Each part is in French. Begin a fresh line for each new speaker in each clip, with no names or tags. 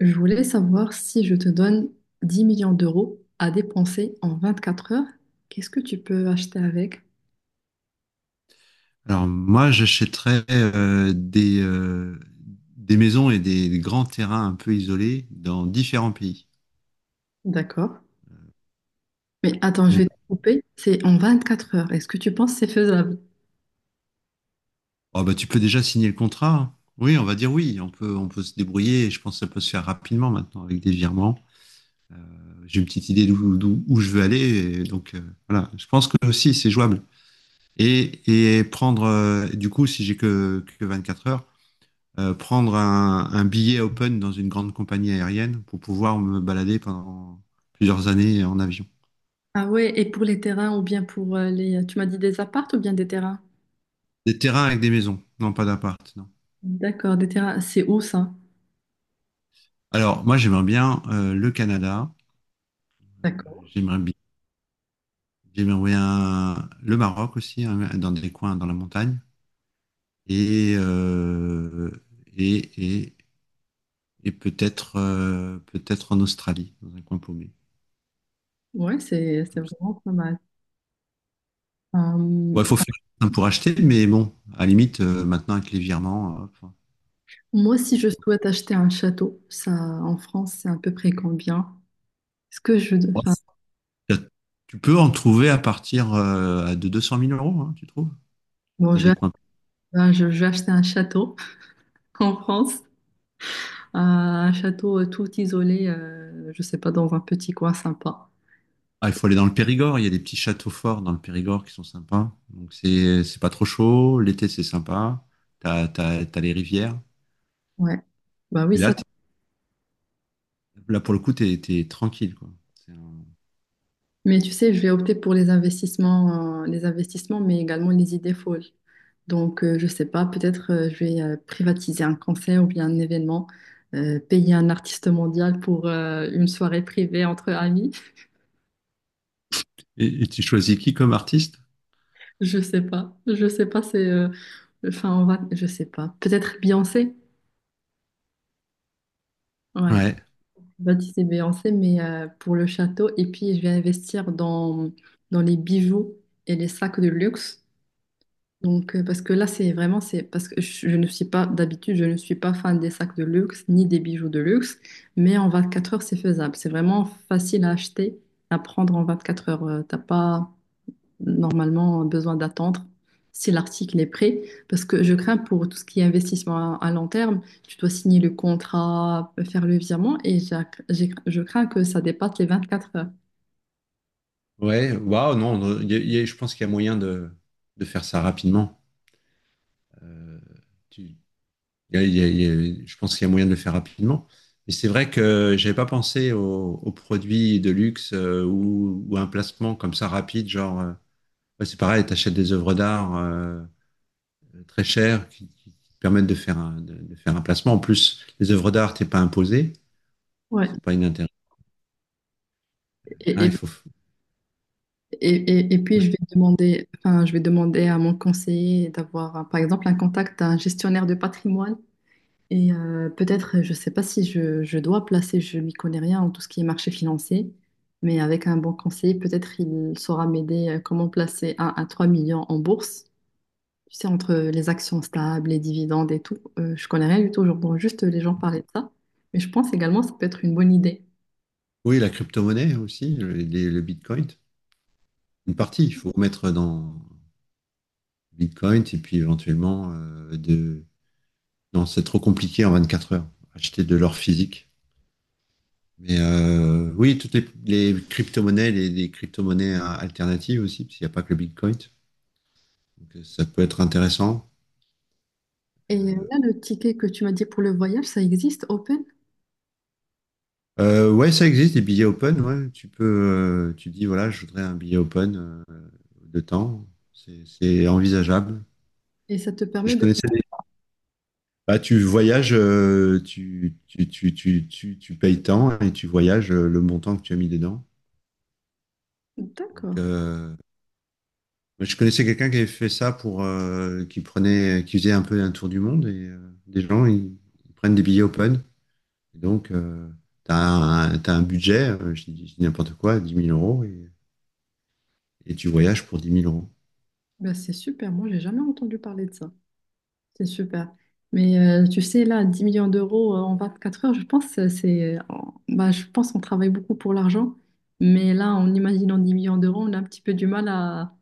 Je voulais savoir, si je te donne 10 millions d'euros à dépenser en 24 heures, qu'est-ce que tu peux acheter avec?
Alors moi, j'achèterais des maisons et des grands terrains un peu isolés dans différents pays.
D'accord. Mais attends, je vais
Donc,
te couper. C'est en 24 heures. Est-ce que tu penses que c'est faisable?
tu peux déjà signer le contrat. Hein. Oui, on va dire oui, on peut se débrouiller. Et Je pense que ça peut se faire rapidement maintenant avec des virements. J'ai une petite idée où je veux aller. Et donc voilà, je pense que aussi c'est jouable. Et, et prendre, du coup, si j'ai que 24 heures, prendre un billet open dans une grande compagnie aérienne pour pouvoir me balader pendant plusieurs années en avion.
Ah ouais, et pour les terrains ou bien pour les... Tu m'as dit des appartes ou bien des terrains?
Des terrains avec des maisons, non pas d'appart, non.
D'accord, des terrains. C'est où ça?
Alors, moi, j'aimerais bien le Canada,
D'accord.
j'aimerais bien, j'aimerais bien le Maroc aussi, hein, dans des coins dans la montagne, et, euh, et, et, et peut-être peut-être en Australie, dans un coin paumé.
Ouais, c'est
Comme ça.
vraiment pas mal. Euh,
Bon, il faut faire pour acheter, mais bon, à la limite, maintenant avec les virements,
Moi, si je souhaite acheter un château, ça, en France, c'est à peu près combien? Est-ce que je... Enfin,
enfin, tu peux en trouver à partir de deux cent mille euros, hein, tu trouves,
bon,
dans
je
des coins.
vais, je je vais acheter un château en France, un château tout isolé, je sais pas, dans un petit coin sympa.
Ah, il faut aller dans le Périgord. Il y a des petits châteaux forts dans le Périgord qui sont sympas. Donc, c'est pas trop chaud. L'été, c'est sympa. T'as, t'as, t'as les rivières.
Ouais. Bah oui,
Et
ça.
là, t'es- Là pour le coup, t'es, t'es tranquille, quoi. C'est un-
Mais tu sais, je vais opter pour les investissements, les investissements, mais également les idées folles. Donc, je sais pas, peut-être je vais privatiser un concert ou bien un événement, payer un artiste mondial pour une soirée privée entre amis.
Et tu choisis qui comme artiste?
Je sais pas. Je sais pas, c'est. Enfin, on va. Je sais pas. Peut-être Beyoncé. Ouais.
Ouais.
C'est Beyoncé, mais pour le château. Et puis, je vais investir dans les bijoux et les sacs de luxe. Donc, parce que là, c'est vraiment, c'est parce que je ne suis pas, d'habitude, je ne suis pas fan des sacs de luxe ni des bijoux de luxe, mais en 24 heures, c'est faisable. C'est vraiment facile à acheter, à prendre en 24 heures. T'as pas, normalement, besoin d'attendre si l'article est prêt, parce que je crains pour tout ce qui est investissement à long terme, tu dois signer le contrat, faire le virement, et je crains que ça dépasse les 24 heures.
Ouais. Waouh, non. Non, je pense qu'il y a moyen de faire ça rapidement. Euh, tu, Il y a- il y a- il y a- Je pense qu'il y a moyen de le faire rapidement. Mais c'est vrai que j'avais pas pensé aux, aux produits de luxe ou à un placement comme ça rapide, genre, ouais, c'est pareil, tu achètes des œuvres d'art très chères qui te permettent de faire un placement. En plus, les œuvres d'art, t'es pas imposé, donc
Ouais.
c'est pas inintéressant.
Et,
Hein, il
et,
faut...
et, et puis je vais demander, enfin, je vais demander à mon conseiller d'avoir, par exemple, un contact d'un gestionnaire de patrimoine. Et peut-être, je ne sais pas si je dois placer, je n'y connais rien en tout ce qui est marché financier, mais avec un bon conseiller, peut-être il saura m'aider comment placer 1 à 3 millions en bourse. Tu sais, entre les actions stables, les dividendes et tout, je connais rien du tout, j'entends juste les gens parler de ça. Mais je pense également que ça peut être une bonne idée.
Oui, la crypto-monnaie aussi, le Bitcoin. Une partie, il faut mettre dans Bitcoin et puis éventuellement de... Non, c'est trop compliqué en 24 heures. Acheter de l'or physique. Mais oui, toutes les crypto-monnaies, les crypto-monnaies alternatives aussi, parce qu'il n'y a pas que le Bitcoin. Donc ça peut être intéressant.
Et là, le ticket que tu m'as dit pour le voyage, ça existe, Open,
Ouais, ça existe, des billets open. Ouais. Tu peux, tu dis, voilà, je voudrais un billet open euh, de temps. C'est envisageable.
et ça te
Je,
permet
je
de...
connaissais des- Bah, tu voyages, tu payes tant et tu voyages le montant que tu as mis dedans. Donc,
D'accord,
moi, je connaissais quelqu'un qui avait fait ça pour, qui prenait, qui faisait un peu un tour du monde et des gens, ils prennent des billets open. Et donc, t'as un budget, je dis n'importe quoi, 10 000 € et tu voyages pour dix mille euros.
ben, c'est super, moi j'ai jamais entendu parler de ça. C'est super. Mais tu sais, là, 10 millions d'euros en 4 heures, je pense, bah, je pense qu'on travaille beaucoup pour l'argent. Mais là, en imaginant 10 millions d'euros, on a un petit peu du mal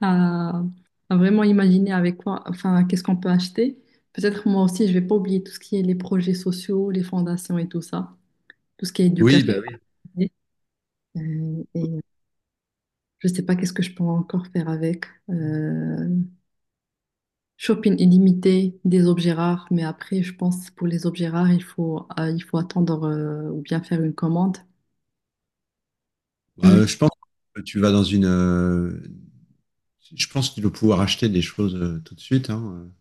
à, à vraiment imaginer avec quoi, enfin, qu'est-ce qu'on peut acheter. Peut-être moi aussi, je vais pas oublier tout ce qui est les projets sociaux, les fondations et tout ça, tout ce qui est
Oui,
éducatif.
bah oui.
Et je sais pas qu'est-ce que je peux encore faire avec. Euh, Shopping illimité, des objets rares, mais après, je pense pour les objets rares, il faut attendre ou bien faire une commande. Mais,
Je pense que tu vas dans une, je pense que tu dois pouvoir acheter des choses tout de suite, hein.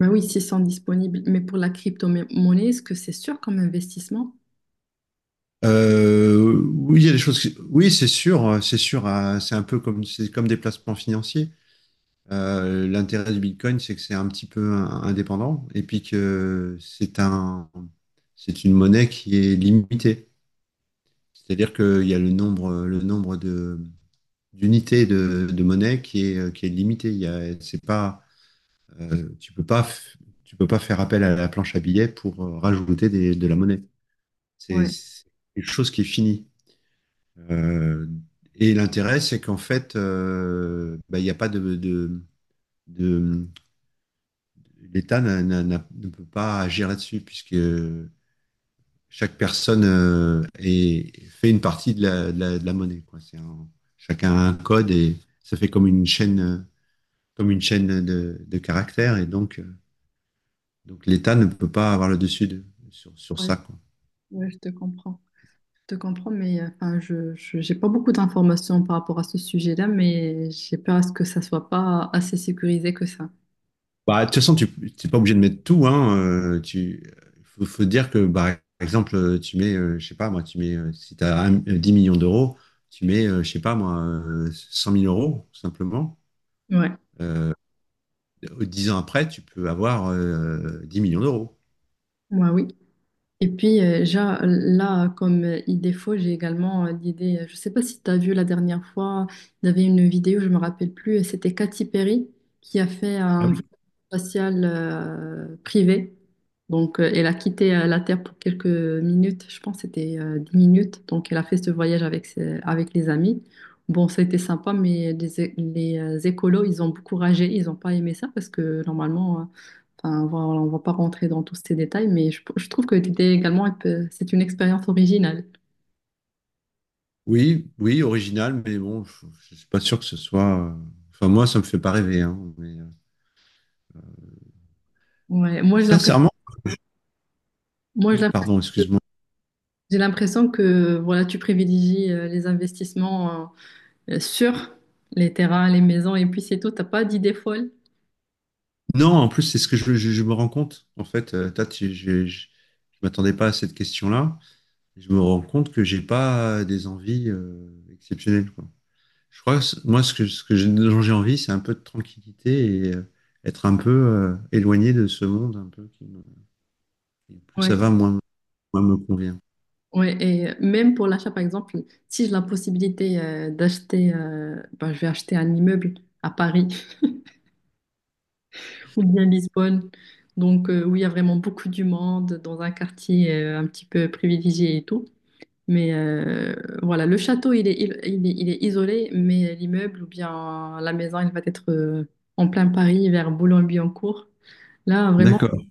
mais oui, s'ils sont disponibles. Mais pour la crypto-monnaie, est-ce que c'est sûr comme investissement?
Oui, il y a des choses. Qui- oui, c'est sûr, c'est sûr. C'est un peu comme, c'est comme des placements financiers. L'intérêt du Bitcoin, c'est que c'est un petit peu indépendant et puis que c'est un, c'est une monnaie qui est limitée. C'est-à-dire qu'il y a le nombre, d'unités de monnaie qui est limité. Il y a, c'est pas, euh, tu peux pas, f- tu peux pas faire appel à la planche à billets pour rajouter de la monnaie. C'est
Ouais,
c'est quelque chose qui est fini. Euh, et l'intérêt, c'est qu'en fait, bah, il n'y a pas de- l'État ne peut pas agir là-dessus, puisque chaque personne fait une partie de la, de la monnaie, quoi. Chacun a un code et ça fait comme une chaîne de caractères, et donc l'État ne peut pas avoir sur, sur
ouais,
ça, quoi.
ouais, je te comprends. Je te comprends, mais enfin, j'ai pas beaucoup d'informations par rapport à ce sujet-là, mais j'ai peur à ce que ça soit pas assez sécurisé que ça.
Bah, de toute façon, tu n'es pas obligé de mettre tout, hein. Faut, faut dire que, bah, par exemple, tu mets, je sais pas, moi, tu mets, si tu as 10 millions d'euros, tu mets, je sais pas, moi, 100 000 euros, simplement.
Ouais,
Euh, 10 ans après, tu peux avoir 10 millions d'euros.
ouais, oui. Et puis, là, comme idée faux, j'ai également l'idée, je ne sais pas si tu as vu la dernière fois, il y avait une vidéo, je ne me rappelle plus, et c'était Katy Perry qui a fait
Ah
un vol
oui.
spatial privé. Donc, elle a quitté la Terre pour quelques minutes, je pense que c'était 10 minutes. Donc, elle a fait ce voyage avec les amis. Bon, ça a été sympa, mais les, écolos, ils ont beaucoup ragé, ils n'ont pas aimé ça parce que normalement... enfin, voilà, on va pas rentrer dans tous ces détails, mais je trouve que l'idée également, c'est une expérience originale.
Oui, oui, original, mais bon, je suis pas sûr que ce soit. Enfin, moi, ça me fait pas rêver. Hein, mais,
Ouais, moi, j'ai l'impression,
sincèrement,
moi, je l'imp-
pardon, excuse-moi.
j'ai l'impression que voilà, tu privilégies les investissements sur les terrains, les maisons, et puis c'est tout. T'as pas d'idée folle.
Non, en plus, c'est ce que je me rends compte. En fait, Tat, je m'attendais pas à cette question-là. Je me rends compte que j'ai pas des envies exceptionnelles, quoi. Je crois moi, ce que, dont j'ai envie, c'est un peu de tranquillité et être un peu éloigné de ce monde, un peu. Et plus ça
Ouais,
va, moins, moi, me convient.
ouais, et même pour l'achat, par exemple, si j'ai la possibilité d'acheter, ben, je vais acheter un immeuble à Paris ou bien Lisbonne, donc où il y a vraiment beaucoup du monde, dans un quartier un petit peu privilégié et tout. Mais voilà, le château, il est isolé, mais l'immeuble ou bien la maison, il va être en plein Paris, vers Boulogne-Billancourt. Là, vraiment,
D'accord.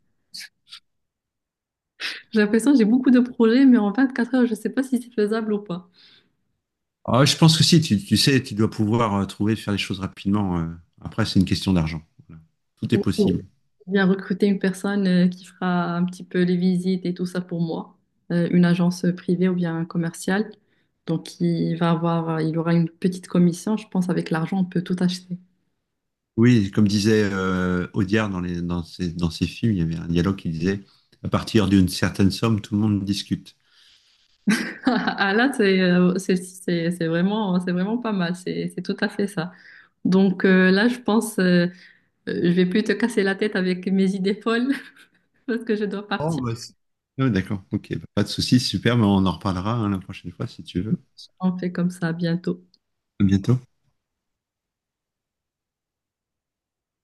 j'ai l'impression que j'ai beaucoup de projets, mais en 24 heures, je ne sais pas si c'est faisable ou pas.
Ah, je pense que si, tu sais, tu dois pouvoir trouver, faire les choses rapidement. Après, c'est une question d'argent. Voilà. Tout est
Il faut
possible.
bien recruter une personne qui fera un petit peu les visites et tout ça pour moi. Une agence privée ou bien commerciale. Donc, il aura une petite commission. Je pense avec l'argent, on peut tout acheter.
Oui, comme disait Audiard dans les, dans ses films, il y avait un dialogue qui disait, à partir d'une certaine somme, tout le monde discute.
Ah là, c'est c'est vraiment pas mal, c'est tout à fait ça. Donc là, je pense, je vais plus te casser la tête avec mes idées folles parce que je dois partir.
Ah, d'accord, ok, bah, pas de souci, super, mais on en reparlera hein, la prochaine fois si tu veux.
On fait comme ça bientôt.
À bientôt.